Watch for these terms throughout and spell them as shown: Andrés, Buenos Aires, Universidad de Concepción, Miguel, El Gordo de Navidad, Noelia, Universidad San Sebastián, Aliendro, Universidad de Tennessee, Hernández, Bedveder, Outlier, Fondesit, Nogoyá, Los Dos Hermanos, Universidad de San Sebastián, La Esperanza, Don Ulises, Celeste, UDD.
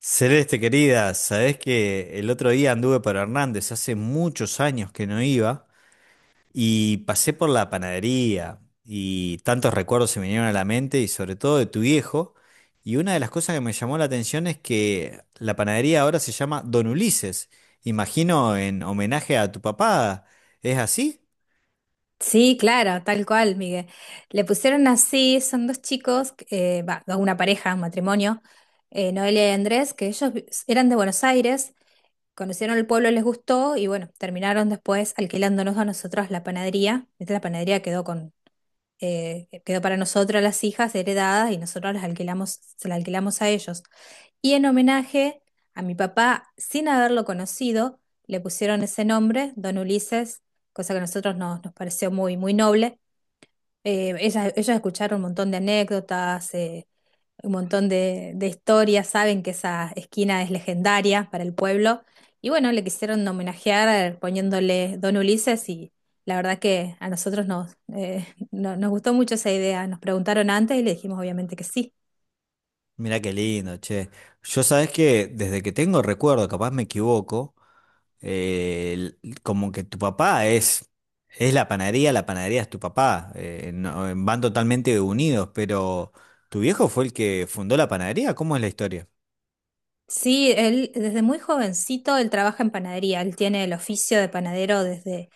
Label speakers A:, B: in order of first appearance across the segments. A: Celeste querida, sabés que el otro día anduve por Hernández, hace muchos años que no iba, y pasé por la panadería, y tantos recuerdos se me vinieron a la mente, y sobre todo de tu viejo, y una de las cosas que me llamó la atención es que la panadería ahora se llama Don Ulises, imagino en homenaje a tu papá, ¿es así?
B: Sí, claro, tal cual, Miguel. Le pusieron así, son dos chicos, dos- una pareja, un matrimonio, Noelia y Andrés, que ellos vi- eran de Buenos Aires, conocieron el pueblo, les gustó y bueno, terminaron después alquilándonos a nosotros la panadería. Esta la panadería quedó con, quedó para nosotros las hijas heredadas y nosotros las alquilamos, se la alquilamos a ellos. Y en homenaje a mi papá, sin haberlo conocido, le pusieron ese nombre, Don Ulises, cosa que a nosotros nos pareció muy, muy noble. Ellos escucharon un montón de anécdotas, un montón de historias, saben que esa esquina es legendaria para el pueblo. Y bueno, le quisieron homenajear poniéndole Don Ulises y la verdad que a nosotros nos, no- nos gustó mucho esa idea. Nos preguntaron antes y le dijimos obviamente que sí.
A: Mirá qué lindo, che. Yo sabés que desde que tengo recuerdo, capaz me equivoco, como que tu papá es la panadería es tu papá. Van totalmente unidos, pero ¿tu viejo fue el que fundó la panadería? ¿Cómo es la historia?
B: Sí, él desde muy jovencito él trabaja en panadería, él tiene el oficio de panadero desde,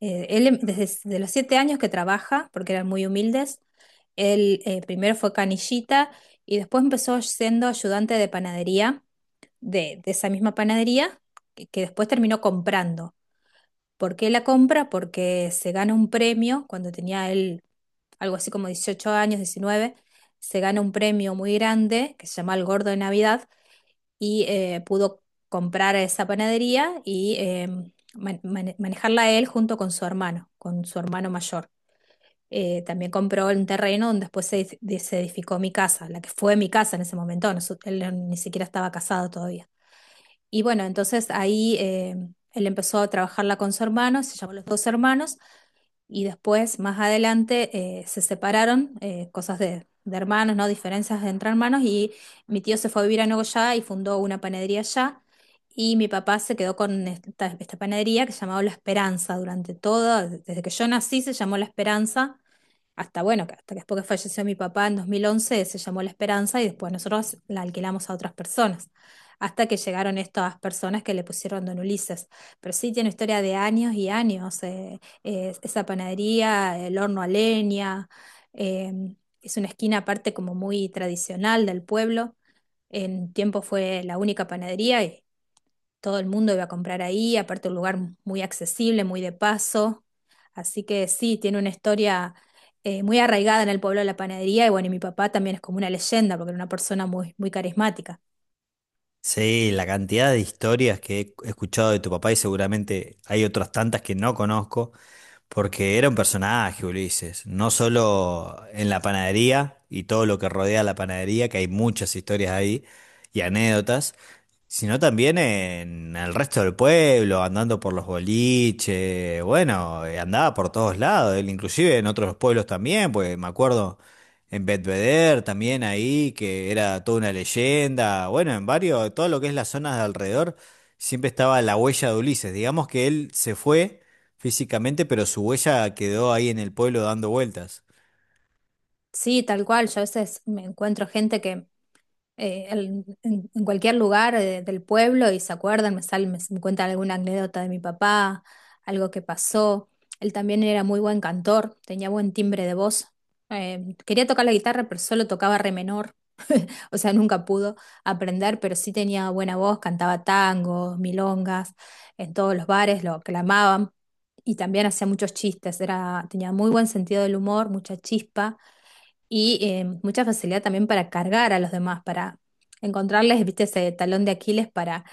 B: desde, s- de los 7 años que trabaja, porque eran muy humildes, él primero fue canillita y después empezó siendo ayudante de panadería, de esa misma panadería, que después terminó comprando. ¿Por qué la compra? Porque se gana un premio, cuando tenía él algo así como 18 años, 19, se gana un premio muy grande que se llama El Gordo de Navidad y pudo comprar esa panadería y manejarla él junto con su hermano mayor. También compró un terreno donde después se edificó mi casa, la que fue mi casa en ese momento, no su- él no- ni siquiera estaba casado todavía. Y bueno, entonces ahí él empezó a trabajarla con su hermano, se llamó Los Dos Hermanos. Y después, más adelante, se separaron, cosas de hermanos, ¿no? Diferencias entre hermanos. Y mi tío se fue a vivir a Nogoyá y fundó una panadería allá. Y mi papá se quedó con esta panadería que se llamaba La Esperanza durante todo, desde que yo nací se llamó La Esperanza hasta bueno, que hasta que después que falleció mi papá en 2011, se llamó La Esperanza y después nosotros la alquilamos a otras personas, hasta que llegaron estas personas que le pusieron Don Ulises. Pero sí tiene historia de años y años, esa panadería, el horno a leña, eh, es una esquina aparte como muy tradicional del pueblo. En tiempo fue la única panadería y todo el mundo iba a comprar ahí, aparte un lugar muy accesible, muy de paso. Así que sí, tiene una historia muy arraigada en el pueblo de la panadería y bueno, y mi papá también es como una leyenda porque era una persona muy, muy carismática.
A: Sí, la cantidad de historias que he escuchado de tu papá y seguramente hay otras tantas que no conozco, porque era un personaje, Ulises, no solo en la panadería y todo lo que rodea la panadería, que hay muchas historias ahí y anécdotas, sino también en el resto del pueblo, andando por los boliches, bueno, andaba por todos lados, él inclusive en otros pueblos también, pues me acuerdo en Bedveder también ahí, que era toda una leyenda, bueno, en varios, todo lo que es las zonas de alrededor, siempre estaba la huella de Ulises, digamos que él se fue físicamente, pero su huella quedó ahí en el pueblo dando vueltas.
B: Sí, tal cual, yo a veces me encuentro gente que en cualquier lugar del pueblo y se acuerdan, me salen, me cuentan alguna anécdota de mi papá, algo que pasó. Él también era muy buen cantor, tenía buen timbre de voz. Quería tocar la guitarra, pero solo tocaba re menor. O sea, nunca pudo aprender, pero sí tenía buena voz, cantaba tangos, milongas, en todos los bares lo aclamaban y también hacía muchos chistes, era, tenía muy buen sentido del humor, mucha chispa y mucha facilidad también para cargar a los demás, para encontrarles, viste, ese talón de Aquiles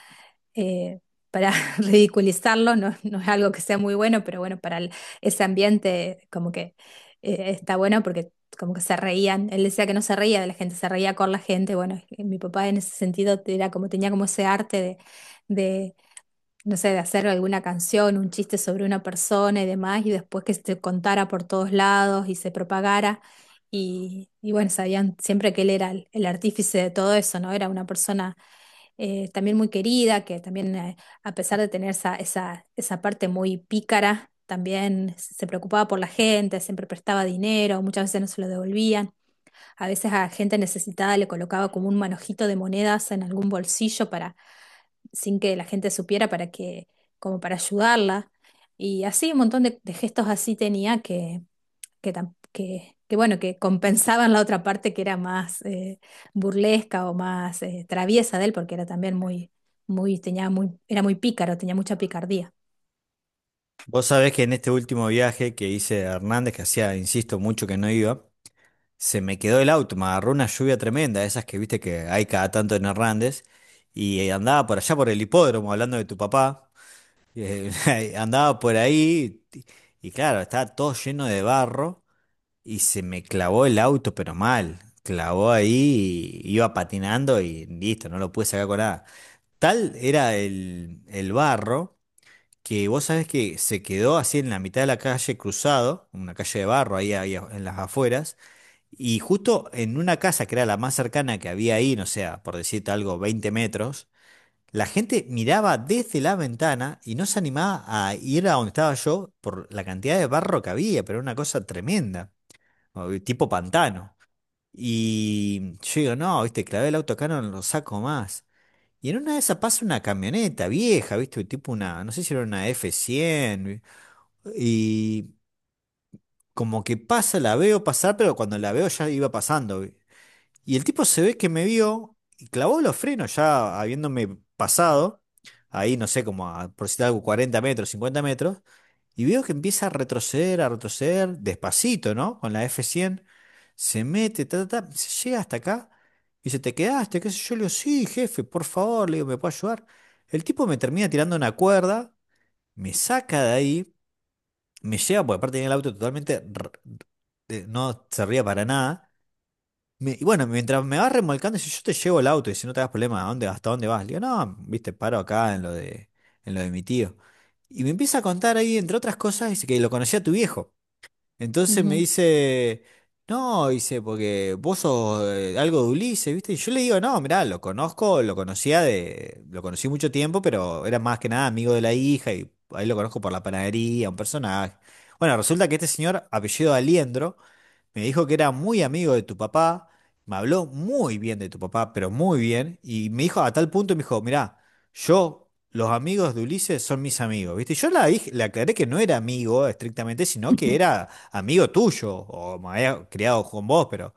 B: eh, para ridiculizarlo, no, no es algo que sea muy bueno, pero bueno, para el- ese ambiente como que está bueno porque como que se reían, él decía que no se reía de la gente, se reía con la gente, bueno, mi papá en ese sentido era como, tenía como ese arte de no sé, de hacer alguna canción, un chiste sobre una persona y demás, y después que se contara por todos lados y se propagara. Y bueno, sabían siempre que él era el artífice de todo eso, ¿no? Era una persona también muy querida, que también, a pesar de tener esa parte muy pícara, también se preocupaba por la gente, siempre prestaba dinero, muchas veces no se lo devolvían. A veces a gente necesitada le colocaba como un manojito de monedas en algún bolsillo para sin que la gente supiera para que, como para ayudarla. Y así un montón de gestos así tenía que, bueno, que compensaban la otra parte que era más burlesca o más traviesa de él, porque era también era muy pícaro, tenía mucha picardía.
A: Vos sabés que en este último viaje que hice a Hernández, que hacía, insisto, mucho que no iba, se me quedó el auto, me agarró una lluvia tremenda, esas que viste que hay cada tanto en Hernández, y andaba por allá por el hipódromo, hablando de tu papá, eh, andaba por ahí, y claro, estaba todo lleno de barro, y se me clavó el auto, pero mal, clavó ahí, y iba patinando y listo, no lo pude sacar con nada. Tal era el barro que vos sabés que se quedó así en la mitad de la calle cruzado, una calle de barro ahí, en las afueras, y justo en una casa que era la más cercana que había ahí, no sé, por decirte algo, 20 metros, la gente miraba desde la ventana y no se animaba a ir a donde estaba yo por la cantidad de barro que había, pero era una cosa tremenda, tipo pantano. Y yo digo, no, viste, clavé el auto acá, no lo saco más. Y en una de esas pasa una camioneta vieja, ¿viste? Tipo una, no sé si era una y como que pasa, la veo pasar, pero cuando la veo ya iba pasando. Y el tipo se ve que me vio y clavó los frenos ya habiéndome pasado, ahí no sé, como a, por citar algo, 40 metros, 50 metros, y veo que empieza a retroceder, despacito, ¿no? Con la F100 se mete, ta, ta, ta, se llega hasta acá, y dice, ¿te quedaste? ¿Qué sé yo? Le digo, sí, jefe, por favor, le digo, ¿me puede ayudar? El tipo me termina tirando una cuerda, me saca de ahí, me lleva, porque aparte tenía el auto totalmente, no servía para nada y bueno, mientras me vas remolcando, si yo te llevo el auto y si no te das problema, ¿a dónde, hasta dónde vas? Le digo, no, viste, paro acá en lo de mi tío. Y me empieza a contar ahí, entre otras cosas, dice que lo conocía a tu viejo. Entonces me
B: Ujú.
A: dice, no, dice, porque vos sos algo de Ulises, ¿viste? Y yo le digo, no, mirá, lo conozco, lo conocía de, lo conocí mucho tiempo, pero era más que nada amigo de la hija y ahí lo conozco por la panadería, un personaje. Bueno, resulta que este señor, apellido Aliendro, me dijo que era muy amigo de tu papá, me habló muy bien de tu papá, pero muy bien, y me dijo a tal punto, me dijo, mirá, yo, los amigos de Ulises son mis amigos, ¿viste? Yo la dije, le aclaré que no era amigo estrictamente, sino que era amigo tuyo, o me había criado con vos, pero,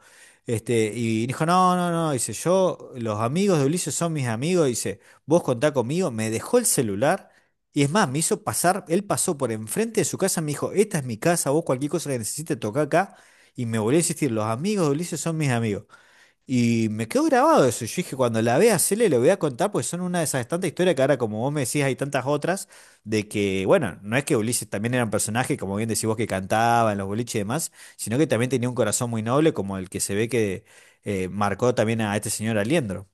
A: este, y dijo, no, no, no, dice, yo, los amigos de Ulises son mis amigos, dice, vos contá conmigo, me dejó el celular. Y es más, me hizo pasar, él pasó por enfrente de su casa, me dijo, esta es mi casa, vos cualquier cosa que necesites tocar acá. Y me volvió a insistir, los amigos de Ulises son mis amigos. Y me quedó grabado eso. Yo dije, cuando la vea, se le lo voy a contar, pues son una de esas tantas historias que ahora, como vos me decís, hay tantas otras, de que, bueno, no es que Ulises también era un personaje, como bien decís vos, que cantaba en los boliches y demás, sino que también tenía un corazón muy noble, como el que se ve que marcó también a este señor Aliendro.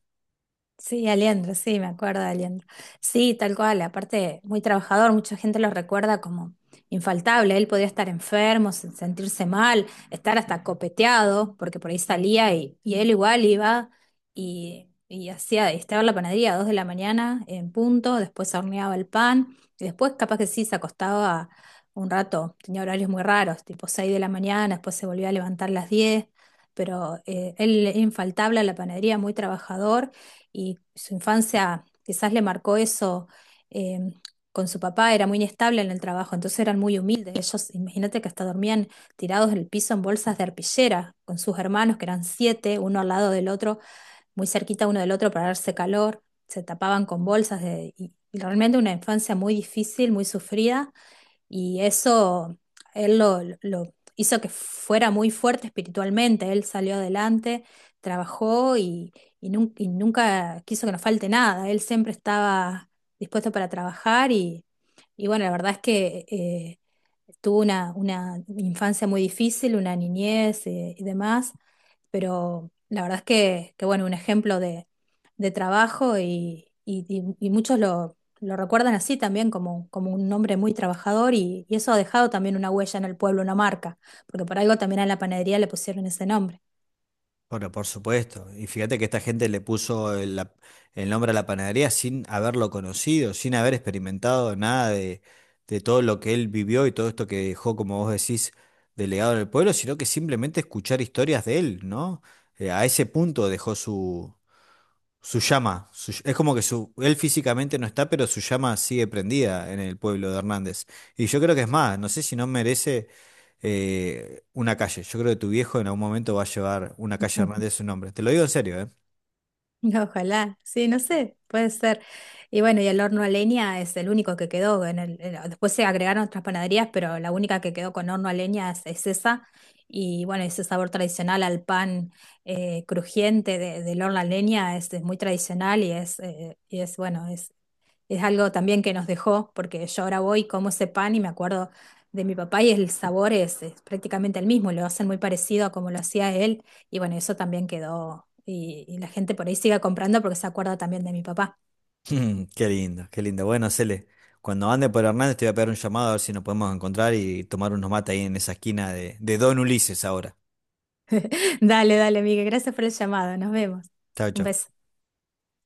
B: Sí, Aliendro, sí, me acuerdo de Aliendro. Sí, tal cual, aparte muy trabajador, mucha gente lo recuerda como infaltable, él podía estar enfermo, se- sentirse mal, estar hasta copeteado, porque por ahí salía y él igual iba y estaba en la panadería a 2 de la mañana en punto, después horneaba el pan y después capaz que sí, se acostaba un rato, tenía horarios muy raros, tipo 6 de la mañana, después se volvía a levantar a las 10, pero él infaltable a la panadería, muy trabajador y su infancia quizás le marcó eso. eh, con su papá era muy inestable en el trabajo, entonces eran muy humildes. Ellos, imagínate que hasta dormían tirados en el piso en bolsas de arpillera, con sus hermanos, que eran 7, uno al lado del otro, muy cerquita uno del otro para darse calor. Se tapaban con bolsas y realmente una infancia muy difícil, muy sufrida. Y eso lo hizo que fuera muy fuerte espiritualmente. Él salió adelante, trabajó y nunca quiso que nos falte nada. Él siempre estaba dispuesto para trabajar y bueno, la verdad es que tuvo una infancia muy difícil, una niñez y demás, pero la verdad es que bueno, un ejemplo de trabajo y muchos lo recuerdan así también como, como un hombre muy trabajador y eso ha dejado también una huella en el pueblo, una marca, porque por algo también a la panadería le pusieron ese nombre.
A: Bueno, por supuesto. Y fíjate que esta gente le puso el nombre a la panadería sin haberlo conocido, sin haber experimentado nada de, de todo lo que él vivió y todo esto que dejó, como vos decís, delegado en el pueblo, sino que simplemente escuchar historias de él, ¿no? A ese punto dejó su, es como que su, él físicamente no está, pero su llama sigue prendida en el pueblo de Hernández. Y yo creo que es más, no sé si no merece una calle. Yo creo que tu viejo en algún momento va a llevar una calle Hernández a su nombre. Te lo digo en serio, ¿eh?
B: Ojalá, sí, no sé, puede ser. Y bueno, y el horno a leña es el único que quedó. Después se agregaron otras panaderías, pero la única que quedó con horno a leña es esa. Y bueno, ese sabor tradicional al pan crujiente de- del horno a leña es muy tradicional y es bueno, es algo también que nos dejó, porque yo ahora voy, como ese pan y me acuerdo de mi papá y el sabor es prácticamente el mismo, lo hacen muy parecido a como lo hacía él y bueno, eso también quedó y la gente por ahí sigue comprando porque se acuerda también de mi papá.
A: Qué lindo, qué lindo. Bueno, Cele, cuando ande por Hernández te voy a pegar un llamado a ver si nos podemos encontrar y tomar unos mates ahí en esa esquina de Don Ulises ahora.
B: Dale, dale, Miguel, gracias por el llamado, nos vemos.
A: Chao,
B: Un
A: chao.
B: beso.